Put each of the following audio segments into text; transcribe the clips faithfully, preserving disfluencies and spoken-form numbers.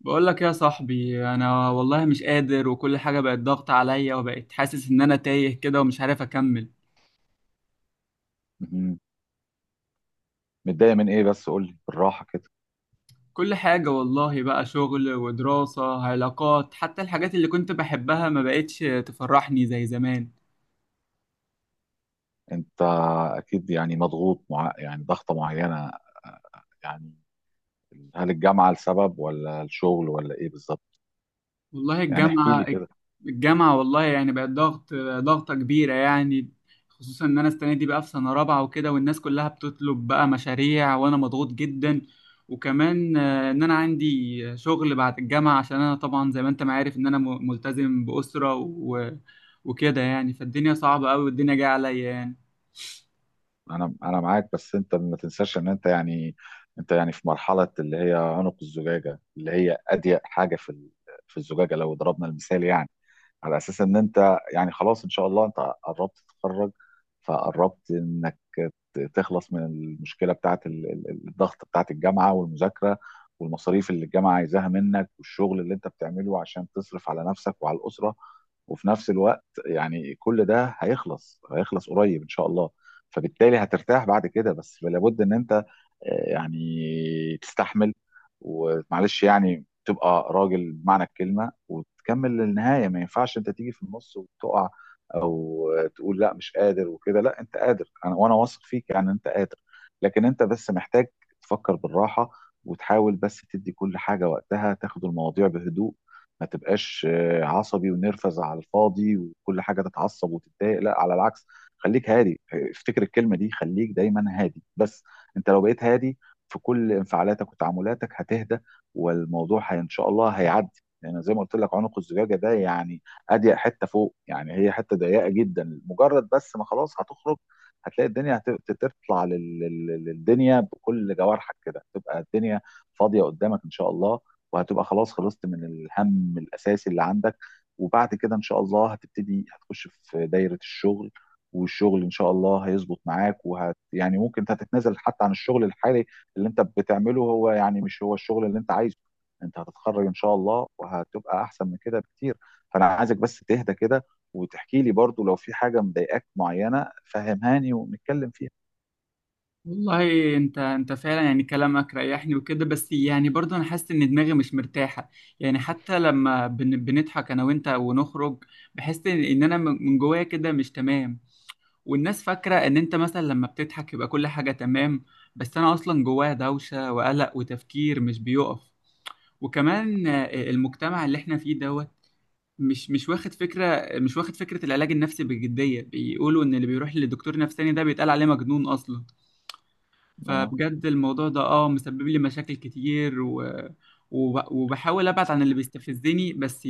بقول لك يا صاحبي، انا والله مش قادر، وكل حاجة بقت ضغط عليا، وبقيت حاسس ان انا تايه كده ومش عارف اكمل. مهم. متضايق من ايه؟ بس قول لي بالراحه كده. كل حاجة والله، بقى شغل ودراسة علاقات، حتى الحاجات اللي كنت بحبها ما بقتش تفرحني زي زمان. انت اكيد يعني مضغوط مع يعني ضغطه معينه يعني. هل الجامعه لسبب ولا الشغل ولا ايه بالظبط؟ والله يعني احكي لي الجامعة. كده. الجامعة والله يعني بقت ضغط، ضغطة كبيرة يعني. خصوصا إن أنا السنة دي بقى في سنة رابعة وكده، والناس كلها بتطلب بقى مشاريع، وأنا مضغوط جدا. وكمان آه، إن أنا عندي شغل بعد الجامعة، عشان أنا طبعا زي ما أنت ما عارف إن أنا م- ملتزم بأسرة و- وكده يعني، فالدنيا صعبة أوي والدنيا جاية عليا يعني. انا انا معاك، بس انت ما تنساش ان انت يعني انت يعني في مرحله اللي هي عنق الزجاجه، اللي هي اضيق حاجه في ال- في الزجاجه لو ضربنا المثال يعني، على اساس ان انت يعني خلاص ان شاء الله انت قربت تتخرج. فقربت انك ت- تخلص من المشكله بتاعت ال- ال- ال- الضغط بتاعت الجامعه والمذاكره، والمصاريف اللي الجامعه عايزاها منك، والشغل اللي انت بتعمله عشان تصرف على نفسك وعلى الاسره. وفي نفس الوقت يعني كل ده هيخلص، هيخلص قريب ان شاء الله. فبالتالي هترتاح بعد كده، بس لابد ان انت آه، يعني تستحمل، ومعلش يعني تبقى راجل بمعنى الكلمه وتكمل للنهايه. ما ينفعش انت تيجي في النص وتقع، او تقول لا مش قادر وكده. لا انت قادر، انا وانا واثق فيك يعني انت قادر. لكن انت بس محتاج تفكر بالراحه، وتحاول بس تدي كل حاجه وقتها، تاخد المواضيع بهدوء. ما تبقاش آه، عصبي ونرفز على الفاضي وكل حاجه تتعصب وتتضايق، لا على العكس. خليك هادي، افتكر الكلمه دي، خليك دايما هادي. بس انت لو بقيت هادي في كل انفعالاتك وتعاملاتك هتهدى، والموضوع هي ان شاء الله هيعدي. لان زي ما قلت لك عنق الزجاجه ده يعني اضيق حته فوق، يعني هي حته ضيقه جدا، مجرد بس ما خلاص هتخرج هتلاقي الدنيا هت- تطلع لل- لل- للدنيا بكل جوارحك كده، تبقى الدنيا فاضيه قدامك ان شاء الله. وهتبقى خلاص خلصت من الهم الاساسي اللي عندك. وبعد كده ان شاء الله هتبتدي، هتخش في دايره الشغل، والشغل ان شاء الله هيظبط معاك. وهت يعني ممكن انت هتتنازل حتى عن الشغل الحالي اللي انت بتعمله، هو يعني مش هو الشغل اللي انت عايزه. انت هتتخرج ان شاء الله وهتبقى احسن من كده بكتير. فانا عايزك بس تهدى كده، وتحكي لي برضو لو في حاجة مضايقاك معينة، فهمهاني ونتكلم فيها. والله انت انت فعلا يعني كلامك ريحني وكده، بس يعني برضه انا حاسس ان دماغي مش مرتاحه. يعني حتى لما بن بنضحك انا وانت ونخرج، بحس ان ان انا من من جوايا كده مش تمام. والناس فاكره ان انت مثلا لما بتضحك يبقى كل حاجه تمام، بس انا اصلا جوايا دوشه وقلق وتفكير مش بيقف. وكمان آه، المجتمع اللي احنا فيه دوت، مش مش واخد فكره، مش واخد فكره العلاج النفسي بجديه، بيقولوا ان اللي بيروح لدكتور نفساني ده بيتقال عليه مجنون اصلا. اه. فبجد الموضوع ده اه مسبب لي مشاكل كتير، و... وب... وبحاول ابعد عن اللي بيستفزني، بس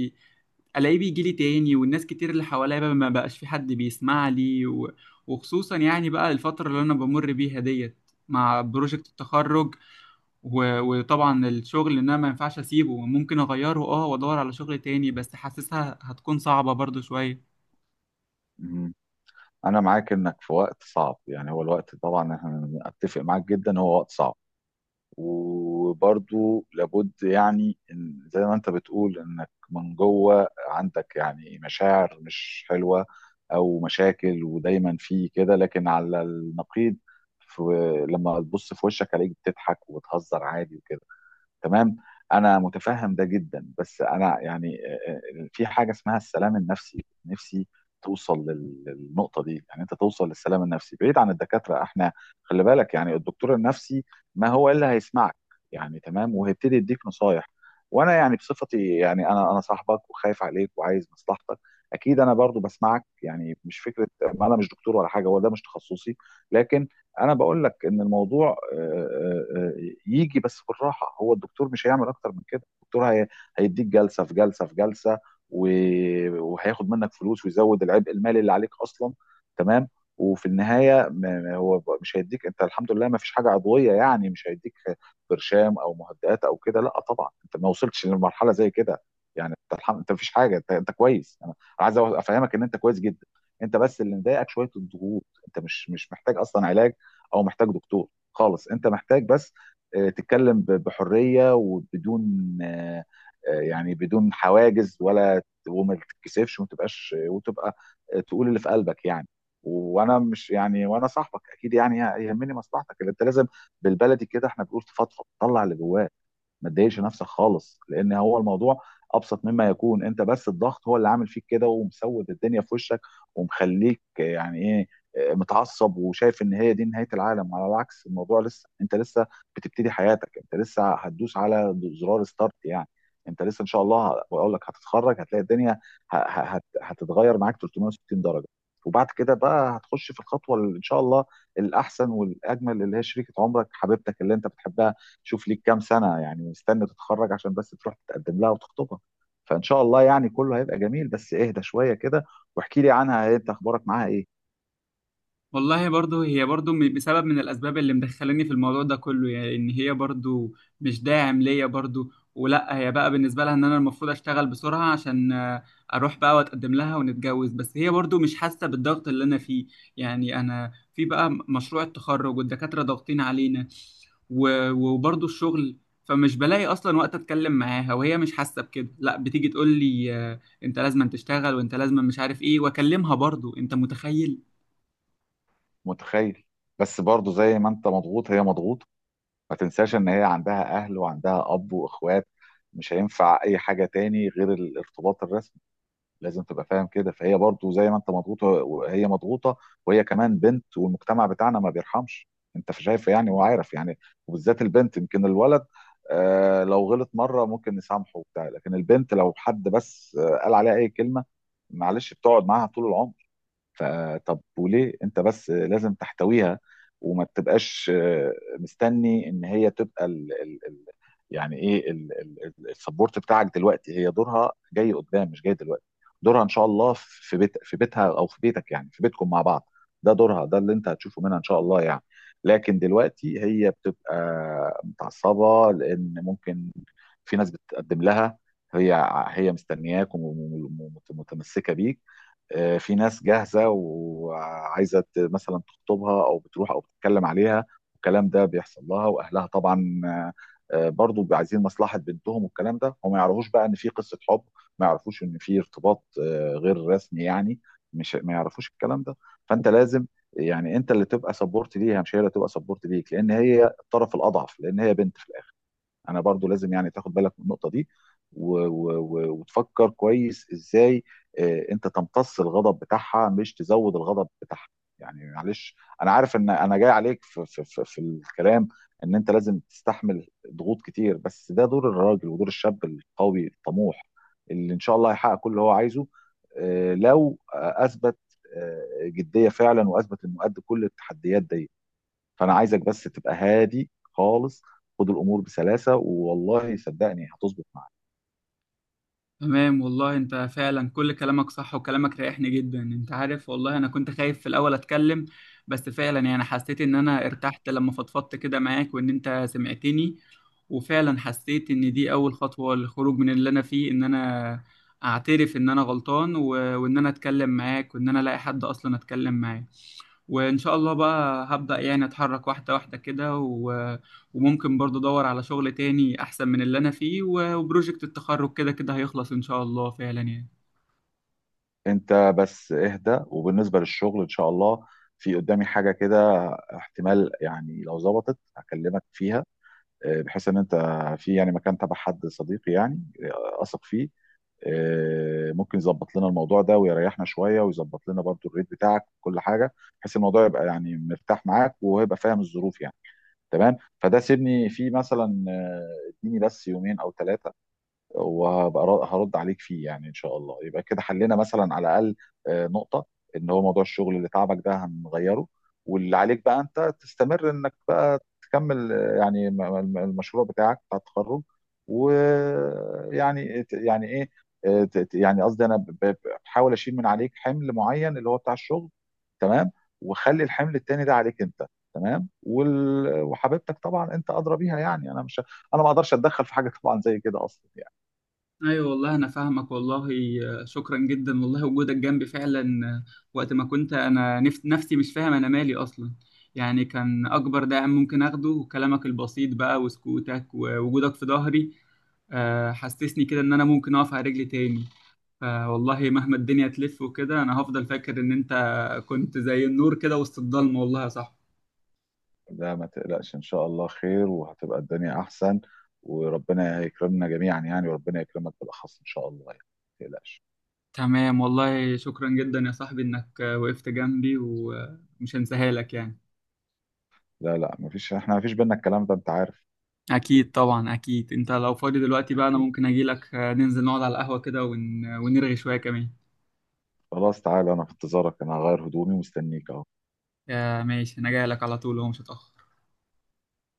الاقيه بيجي لي تاني. والناس كتير اللي حواليا بقى ما بقاش في حد بيسمع لي، و... وخصوصا يعني بقى الفترة اللي انا بمر بيها ديت مع بروجكت التخرج، و... وطبعا الشغل ان انا ما ينفعش اسيبه، ممكن اغيره اه وادور على شغل تاني، بس حاسسها هتكون صعبة برضو شوية. مم. انا معاك انك في وقت صعب يعني، هو الوقت طبعا انا اتفق معاك جدا، هو وقت صعب. وبرضو لابد يعني إن- زي ما انت بتقول انك من جوه عندك يعني مشاعر مش حلوة او مشاكل، ودايما في كده. لكن على النقيض، في لما تبص في وشك عليك بتضحك وبتهزر عادي وكده. تمام، انا متفهم ده جدا. بس انا يعني آه، آه، في حاجه اسمها السلام النفسي، نفسي توصل لل- للنقطه دي، يعني انت توصل للسلام النفسي بعيد عن الدكاتره. احنا خلي بالك يعني الدكتور النفسي ما هو الا هيسمعك يعني، تمام، وهيبتدي يديك نصايح. وانا يعني بصفتي يعني انا انا صاحبك وخايف عليك وعايز مصلحتك، اكيد انا برضو بسمعك يعني، مش فكره. ما انا مش دكتور ولا حاجه، هو ده مش تخصصي. لكن انا بقول لك ان الموضوع آه، آه، آه، يجي بس بالراحه. هو الدكتور مش هيعمل اكتر من كده، الدكتور هي- هيديك جلسه في جلسه في جلسه، و- وهياخد منك فلوس ويزود العبء المالي اللي عليك اصلا. تمام. وفي النهايه ما- ما هو ب- مش هيديك، انت الحمد لله ما فيش حاجه عضويه يعني، مش هيديك برشام او مهدئات او كده. لا طبعا انت ما وصلتش لمرحله زي كده يعني، انت الحمد، انت ما فيش حاجه. انت, انت كويس، انا عايز افهمك ان انت كويس جدا. انت بس اللي مضايقك شويه الضغوط، انت مش مش محتاج اصلا علاج او محتاج دكتور خالص. انت محتاج بس آه، تتكلم ب- بحريه وبدون آه، آه، يعني بدون حواجز ولا، وما تتكسفش وما تبقاش وتبقى آه، تقول اللي في قلبك يعني. وانا مش يعني، وانا صاحبك اكيد يعني يهمني مصلحتك، اللي انت لازم، بالبلدي كده احنا بنقول تفضفض، طلع اللي جواك. ما تضايقش نفسك خالص، لان هو الموضوع ابسط مما يكون. انت بس الضغط هو اللي عامل فيك كده ومسود الدنيا في وشك ومخليك يعني ايه، آه، متعصب وشايف ان هي دي نهايه العالم. على العكس، الموضوع لسه، انت لسه بتبتدي حياتك، انت لسه هتدوس على زرار ستارت يعني. انت لسه ان شاء الله، بقول لك هتتخرج هتلاقي الدنيا ه- ه- هت- هتتغير معاك ثلاثمية وستين درجه. وبعد كده بقى هتخش في الخطوه اللي ان شاء الله الاحسن والاجمل، اللي هي شريكه عمرك، حبيبتك اللي انت بتحبها. شوف ليك كام سنة يعني مستني تتخرج عشان بس تروح تتقدم لها وتخطبها. فإن شاء الله يعني كله هيبقى جميل، بس اهدى شوية كده. واحكي لي عنها، انت اخبارك معاها ايه؟ والله برضه هي برضه م- بسبب من الأسباب اللي مدخلاني في الموضوع ده كله، يعني إن هي برضه مش داعم ليا برضه. ولا هي بقى بالنسبة لها إن أنا المفروض أشتغل بسرعة، عشان آه، أروح بقى وأتقدم لها ونتجوز، بس هي برضه مش حاسة بالضغط اللي أنا فيه. يعني أنا في بقى م- مشروع التخرج والدكاترة ضاغطين علينا، و- وبرضه الشغل. فمش بلاقي أصلا وقت أتكلم معاها، وهي مش حاسة بكده، لا بتيجي تقول لي آه، أنت لازم تشتغل وأنت لازم مش عارف إيه، وأكلمها برضه أنت متخيل. متخيل. بس برضو زي ما انت مضغوط هي مضغوطة، ما تنساش ان هي عندها اهل وعندها اب واخوات، مش هينفع اي حاجة تاني غير الارتباط الرسمي. لازم تبقى فاهم كده، فهي برضو زي ما انت مضغوطه وهي مضغوطه. وهي كمان بنت، والمجتمع بتاعنا ما بيرحمش، انت شايف يعني وعارف يعني. وبالذات البنت، يمكن الولد آه لو غلط مره ممكن نسامحه وبتاع، لكن البنت لو حد بس آه قال عليها اي كلمه، معلش، بتقعد معاها طول العمر. فطب وليه انت بس لازم تحتويها وما تبقاش آه، مستني ان هي تبقى ال ال ال يعني ايه، السبورت بتاعك دلوقتي. هي دورها جاي قدام مش جاي دلوقتي، دورها ان شاء الله في بيت، في بيتها او في بيتك يعني في بيتكم مع بعض، ده دورها، ده اللي انت هتشوفه منها ان شاء الله يعني. لكن دلوقتي هي بتبقى متعصبة، لان ممكن في ناس بتقدم لها، هي هي مستنياك ومتمسكة بيك. آه، في ناس جاهزة وعايزة ت- مثلا تخطبها، أو بتروح أو بتتكلم عليها، والكلام ده بيحصل لها. وأهلها طبعا آه، آه، برضو بيبقوا عايزين مصلحة بنتهم، والكلام ده. هم ما يعرفوش بقى إن في قصة حب، ما يعرفوش إن في ارتباط آه، غير رسمي يعني، مش ما يعرفوش الكلام ده. فأنت لازم يعني، أنت اللي تبقى سبورت ليها مش هي اللي تبقى سبورت ليك، لأن هي الطرف الأضعف، لأن هي بنت في الآخر. انا برضو لازم يعني تاخد بالك من النقطه دي، و... و... و... وتفكر كويس ازاي آه، انت تمتص الغضب بتاعها مش تزود الغضب بتاعها. يعني معلش، انا عارف ان انا جاي عليك في في في, في الكلام، ان انت لازم تستحمل ضغوط كتير، بس ده دور الراجل ودور الشاب القوي الطموح اللي ان شاء الله هيحقق كل اللي هو عايزه آه، لو آه، اثبت آه، جديه فعلا، واثبت انه قد كل التحديات دي. فانا عايزك بس تبقى هادي خالص، خد الامور بسلاسه، والله صدقني هتظبط معاك. تمام والله، انت فعلا كل كلامك صح، وكلامك ريحني جدا انت عارف. والله انا كنت خايف في الاول اتكلم، بس فعلا يعني حسيت ان انا ارتحت لما فضفضت كده معاك وان انت سمعتني. وفعلا حسيت ان دي اول خطوة للخروج من اللي انا فيه، ان انا اعترف ان انا غلطان، و... وان انا اتكلم معاك، وان انا الاقي حد اصلا اتكلم معاه. وإن شاء الله بقى هبدأ يعني أتحرك واحدة واحدة كده، و... وممكن برضه أدور على شغل تاني أحسن من اللي أنا فيه، و... وبروجكت التخرج كده كده هيخلص إن شاء الله فعلا يعني. انت بس اهدى، وبالنسبه للشغل ان شاء الله في قدامي حاجه كده، احتمال يعني لو ظبطت هكلمك فيها. آه، بحيث ان انت في يعني مكان تبع حد صديقي يعني آه، اثق فيه، آه، ممكن يظبط لنا الموضوع ده ويريحنا شويه، ويظبط لنا برضو الريت بتاعك وكل حاجه، بحيث الموضوع يبقى يعني مرتاح معاك وهيبقى فاهم الظروف يعني. تمام. فده سيبني فيه مثلا آه، اديني بس يومين او ثلاثه وهبقى ر- هرد عليك فيه يعني، ان شاء الله يبقى كده حلينا مثلا على الاقل آه، نقطه، ان هو موضوع الشغل اللي تعبك ده هنغيره. واللي عليك بقى انت تستمر انك بقى تكمل آه، يعني م- م- المشروع بتاعك بتاع التخرج. ويعني يعني ايه آه، ت- ت- يعني قصدي انا ب- ب- بحاول اشيل من عليك حمل معين اللي هو بتاع الشغل. تمام. وخلي الحمل التاني ده عليك انت. تمام. وال- وحبيبتك طبعا انت ادرى بيها يعني، انا مش، انا ما اقدرش اتدخل في حاجه طبعا زي كده اصلا. أيوة والله أنا فاهمك والله. آه، شكرا جدا والله، وجودك جنبي فعلا آه، وقت ما كنت أنا نف... نفسي مش فاهم أنا مالي أصلا، يعني كان أكبر داعم ممكن أخده كلامك البسيط بقى، وسكوتك ووجودك في ظهري آه، حسسني كده إن أنا ممكن أقف على رجلي تاني. آه والله مهما الدنيا تلف وكده، انا هفضل فاكر ان انت كنت زي النور كده وسط الضلمه، والله يا صاحبي. لا ما تقلقش، ان شاء الله خير، وهتبقى الدنيا احسن، وربنا يكرمنا جميعا يعني، وربنا يكرمك بالاخص ان شاء الله يعني، ما تقلقش. تمام والله، شكرا جدا يا صاحبي انك آه، وقفت جنبي ومش هنساها لك يعني. لا لا، ما فيش، احنا ما فيش بينا الكلام ده، انت عارف. اكيد طبعا اكيد، انت لو فاضي دلوقتي بقى انا اكيد. ممكن اجي لك آه، ننزل نقعد على القهوه كده ون... ونرغي شويه كمان. خلاص تعالى، انا في انتظارك، انا هغير هدومي ومستنيك اهو. آه ماشي، انا جاي لك على طول، هو مش هتاخر.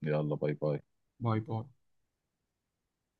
يلا، باي باي. باي باي.